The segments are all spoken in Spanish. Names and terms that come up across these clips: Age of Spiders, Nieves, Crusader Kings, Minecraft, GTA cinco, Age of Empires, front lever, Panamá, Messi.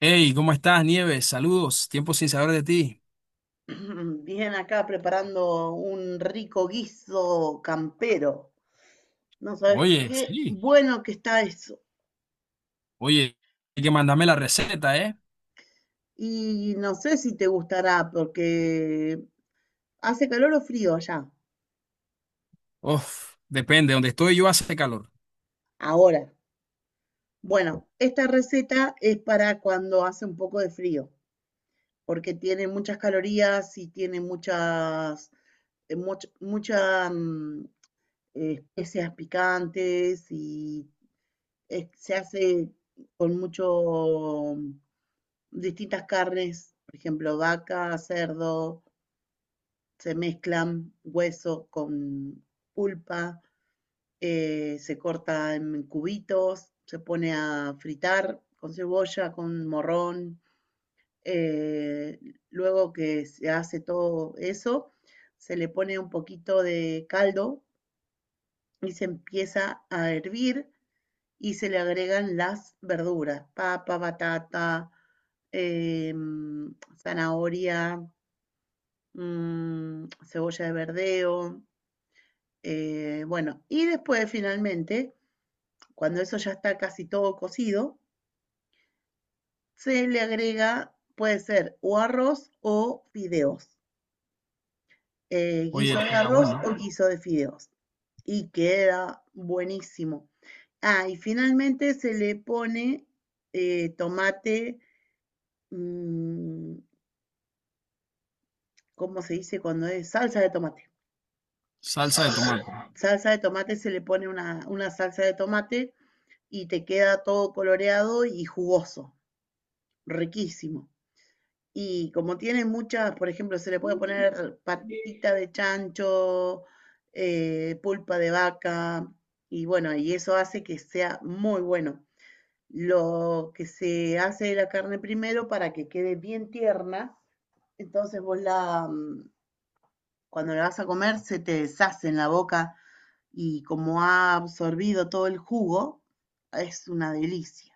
Hey, ¿cómo estás, Nieves? Saludos, tiempo sin saber de ti. Bien, acá preparando un rico guiso campero. No sabes Oye, qué sí, bueno que está eso. oye, hay que mandarme la receta, ¿eh? Y no sé si te gustará porque hace calor o frío allá. Uf, depende, donde estoy yo hace calor. Ahora, bueno, esta receta es para cuando hace un poco de frío, porque tiene muchas calorías y tiene muchas, eh, much- mucha, mm, especias picantes y se hace con distintas carnes, por ejemplo, vaca, cerdo, se mezclan hueso con pulpa. Se corta en cubitos, se pone a fritar con cebolla, con morrón. Eh, luego que se hace todo eso, se le pone un poquito de caldo y se empieza a hervir y se le agregan las verduras, papa, batata, eh, zanahoria, cebolla de verdeo. Bueno y después finalmente, cuando eso ya está casi todo cocido, se le agrega, puede ser o arroz o fideos. Oye, Guiso de eso está arroz bueno. o guiso de fideos. Y queda buenísimo. Ah, y finalmente se le pone tomate, mm, ¿cómo se dice cuando es? Salsa de tomate. Salsa de tomate. Salsa de tomate, se le pone una salsa de tomate y te queda todo coloreado y jugoso, riquísimo. Y como tiene muchas, por ejemplo, se le puede poner patita de chancho, pulpa de vaca, y bueno, y eso hace que sea muy bueno. Lo que se hace de la carne primero para que quede bien tierna, entonces vos la cuando la vas a comer se te deshace en la boca y como ha absorbido todo el jugo, es una delicia.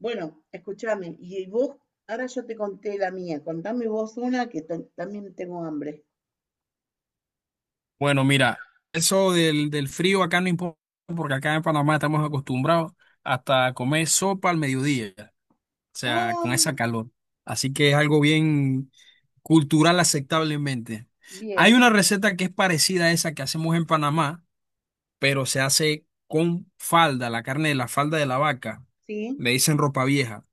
Bueno, escúchame, y vos, ahora yo te conté la mía, contame vos una que también tengo hambre. Bueno, mira, eso del frío acá no importa, porque acá en Panamá estamos acostumbrados hasta comer sopa al mediodía, o sea, Ah, con esa calor. Así que es algo bien cultural aceptablemente. Hay bien, una receta que es parecida a esa que hacemos en Panamá pero se hace con falda, la carne de la falda de la vaca, sí, le dicen ropa vieja.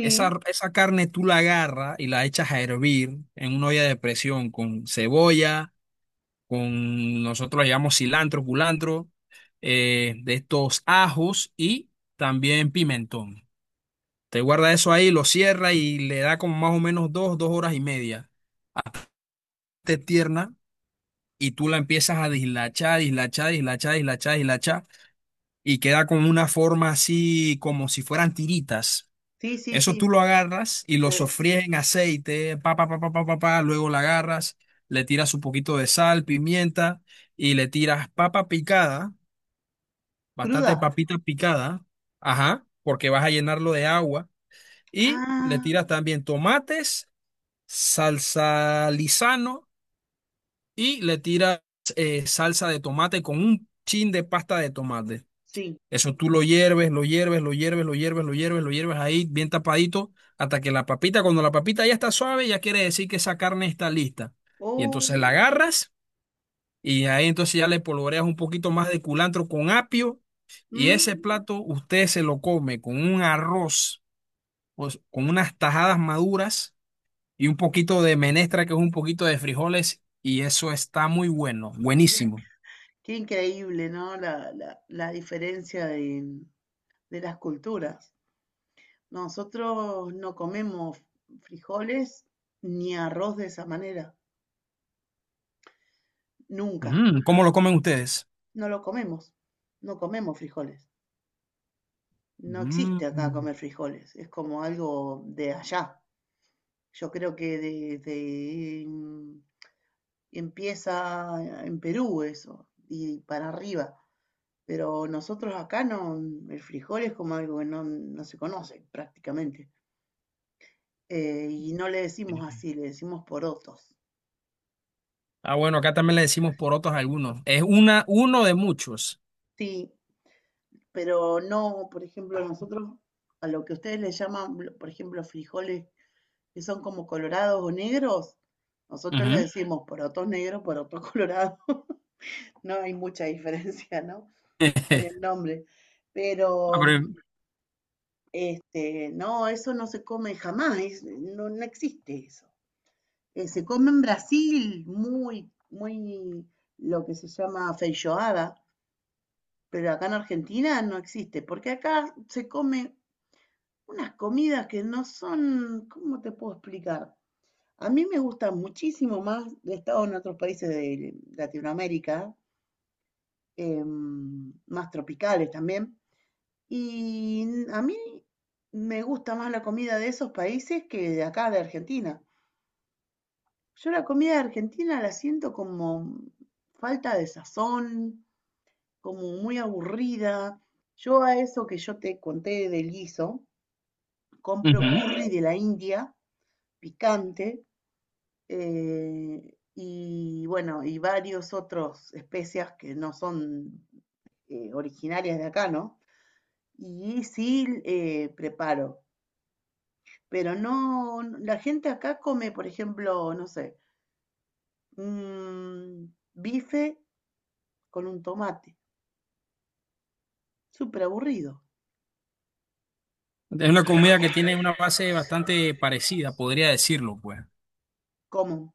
Esa, esa carne tú la agarras y la echas a hervir en una olla de presión con cebolla, con nosotros le llamamos cilantro, culantro, de estos ajos y también pimentón. Te guarda eso ahí, lo cierra y le da como más o menos dos horas y media. Hasta que esté tierna y tú la empiezas a dislachar, dislachar, dislachar, dislachar, dislachar y queda con una forma así como si fueran tiritas. sí, sí, Eso sí. tú lo agarras y lo se- sofríes en aceite, pa, pa, pa, pa, pa, pa, pa, luego la agarras, le tiras un poquito de sal, pimienta y le tiras papa picada, bastante ¿Cruda? papita picada, ajá, porque vas a llenarlo de agua y le Ah, tiras también tomates, salsa lisano y le tiras salsa de tomate con un chin de pasta de tomate. sí. Eso tú lo hierves, lo hierves, lo hierves, lo hierves, lo hierves, lo hierves ahí bien tapadito hasta que la papita, cuando la papita ya está suave, ya quiere decir que esa carne está lista. Y Oh, entonces la agarras y ahí entonces ya le polvoreas un poquito más de culantro con apio y ese mm, plato usted se lo come con un arroz, pues, con unas tajadas maduras y un poquito de menestra que es un poquito de frijoles y eso está muy bueno, mirá, buenísimo. qué increíble, ¿no? La diferencia de las culturas. Nosotros no comemos frijoles ni arroz de esa manera, nunca. Mm, ¿cómo lo comen ustedes? No lo comemos, no comemos frijoles. No existe Mm. acá comer frijoles, es como algo de allá. Yo creo que desde empieza en Perú eso, y para arriba. Pero nosotros acá no, el frijol es como algo que no, no se conoce prácticamente. Y no le decimos así, le decimos porotos. Ah, bueno, acá también le decimos porotos a algunos. Es una, uno de muchos. Sí, pero no, por ejemplo, nosotros a lo que ustedes les llaman, por ejemplo, frijoles que son como colorados o negros, nosotros les Ujú. decimos porotos negros, porotos colorados. No hay mucha diferencia, ¿no? En el nombre. Ah, Pero, pero no, eso no se come jamás, no, no existe eso. Se come en Brasil muy, muy lo que se llama feijoada, pero acá en Argentina no existe, porque acá se come unas comidas que no son, ¿cómo te puedo explicar? A mí me gusta muchísimo más, he estado en otros países de Latinoamérica, más tropicales también, y a mí me gusta más la comida de esos países que de acá, de Argentina. Yo la comida de Argentina la siento como falta de sazón, como muy aburrida. Yo a eso que yo te conté del guiso, compro ujú, curry de la India, picante, eh, y bueno, y varios otros especies que no son originarias de acá, ¿no? Y sí, preparo, pero no, no, la gente acá come, por ejemplo, no sé, un bife con un tomate, súper aburrido, es una comida que tiene una base bastante parecida, podría decirlo, pues. como.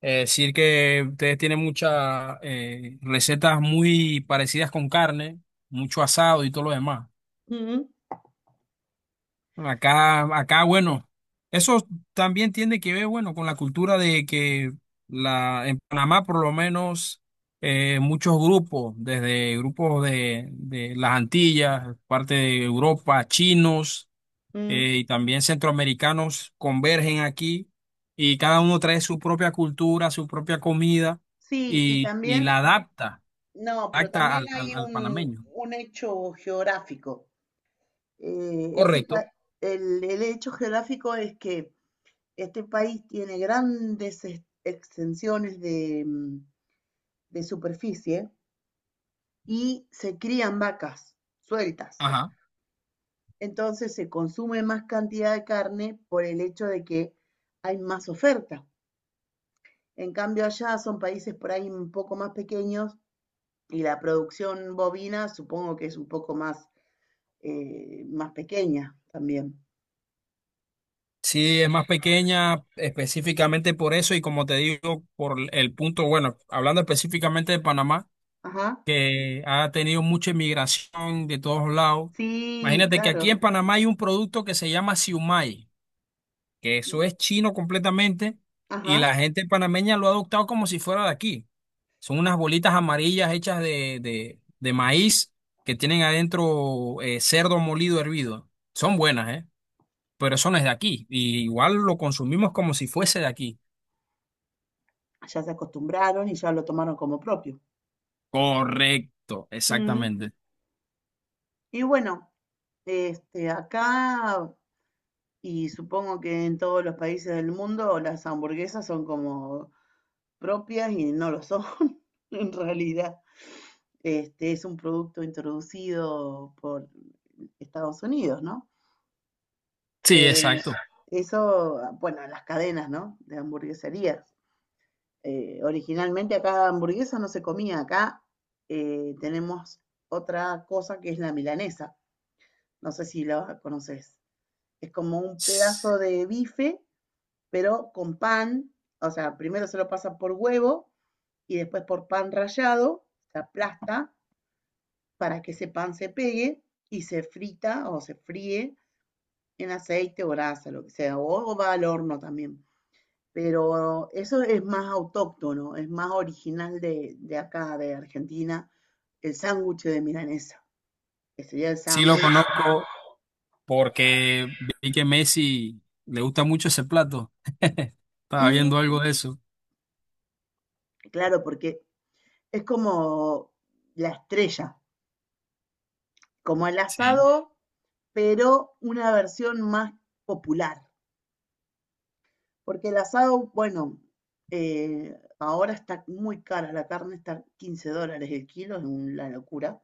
Es decir que ustedes tienen muchas recetas muy parecidas con carne, mucho asado y todo lo demás. Mm, Acá, acá, bueno, eso también tiene que ver, bueno, con la cultura de que la, en Panamá, por lo menos, muchos grupos, desde grupos de las Antillas, parte de Europa, chinos, mm. Y también centroamericanos convergen aquí y cada uno trae su propia cultura, su propia comida Sí, y y también, la adapta, no, pero adapta también al, al, hay al un, panameño. un hecho geográfico. Eh, este, Correcto. pa- el hecho geográfico es que este país tiene grandes extensiones de superficie y se crían vacas sueltas. Ajá. Entonces se consume más cantidad de carne por el hecho de que hay más oferta. En cambio allá son países por ahí un poco más pequeños y la producción bovina supongo que es un poco más pequeña también. Sí, es más pequeña específicamente por eso y como te digo, por el punto, bueno, hablando específicamente de Panamá, Ajá, que ha tenido mucha inmigración de todos lados. sí, Imagínate que aquí en claro. Panamá hay un producto que se llama siumai, que Y, eso es chino completamente ajá, y la gente panameña lo ha adoptado como si fuera de aquí. Son unas bolitas amarillas hechas de maíz que tienen adentro cerdo molido hervido. Son buenas, ¿eh? Pero eso no es de aquí. Y igual lo consumimos como si fuese de aquí. ya se acostumbraron y ya lo tomaron como propio. Correcto, Ujú. exactamente. Y bueno, acá y supongo que en todos los países del mundo las hamburguesas son como propias y no lo son en realidad. Este es un producto introducido por Estados Unidos, ¿no? Sí, Eh, exacto. eso, bueno, las cadenas, ¿no? De hamburgueserías. Originalmente acá hamburguesa no se comía, acá tenemos otra cosa que es la milanesa. No sé si la conoces. Es como un S- pedazo de bife, pero con pan, o sea, primero se lo pasa por huevo y después por pan rallado, se aplasta para que ese pan se pegue y se frita o se fríe en aceite o grasa, lo que sea, o va al horno también. Pero eso es más autóctono, es más original de acá, de Argentina, el sándwich de milanesa, que sería el Sí lo sándwich. conozco porque vi que Messi le gusta mucho ese plato. Estaba Mm, viendo algo de eso. claro, porque es como la estrella como el Sí. asado, pero una versión más popular. Porque el asado, bueno, ahora está muy cara la carne, está $15 el kilo, es una locura.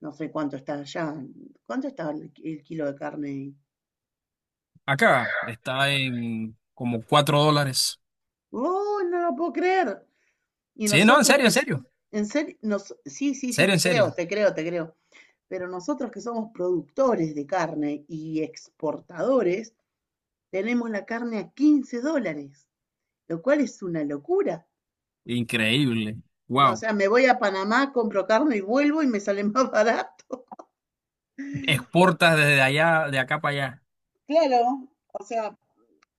No sé cuánto está allá. ¿Cuánto está el kilo de carne? Acá está en como $4. ¡Oh, no lo puedo creer! Y Sí, no, en nosotros serio, en serio. En en serio, sí, sí, sí, serio, te en creo, serio. te creo, te creo. Pero nosotros que somos productores de carne y exportadores, tenemos la carne a $15, lo cual es una locura. Increíble. No, o Wow. sea, me voy a Panamá, compro carne y vuelvo y me sale más barato. Exportas desde allá, de acá para allá. Claro, o sea,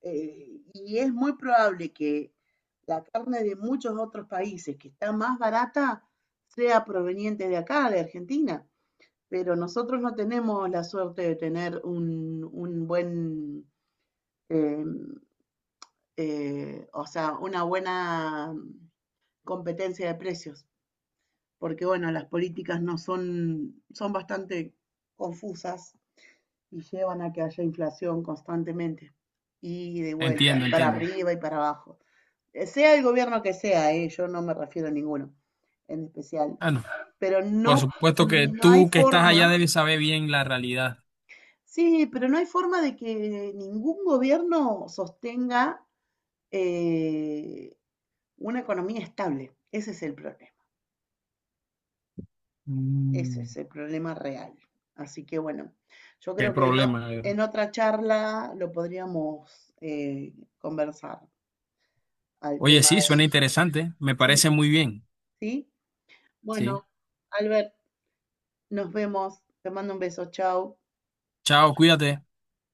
y es muy probable que la carne de muchos otros países que está más barata sea proveniente de acá, de Argentina. Pero nosotros no tenemos la suerte de tener un buen, eh, o sea, una buena competencia de precios, porque bueno, las políticas no son, son bastante confusas y llevan a que haya inflación constantemente y de vuelta, Entiendo, para entiendo. arriba y para abajo. Sea el gobierno que sea, ¿eh? Yo no me refiero a ninguno en especial, Ah, no. pero Por no, supuesto que no hay tú que estás allá forma, debes saber bien la realidad. sí, pero no hay forma de que ningún gobierno sostenga eh, una economía estable. Ese es el problema. Ese Mm, es el problema real. Así que bueno, yo qué creo que no, problema, de verdad. en otra charla lo podríamos conversar al Oye, tema sí, de... suena interesante. Me Sí, parece muy bien. sí. Sí. Bueno, Albert, nos vemos. Te mando un beso. Chao. Chao, cuídate.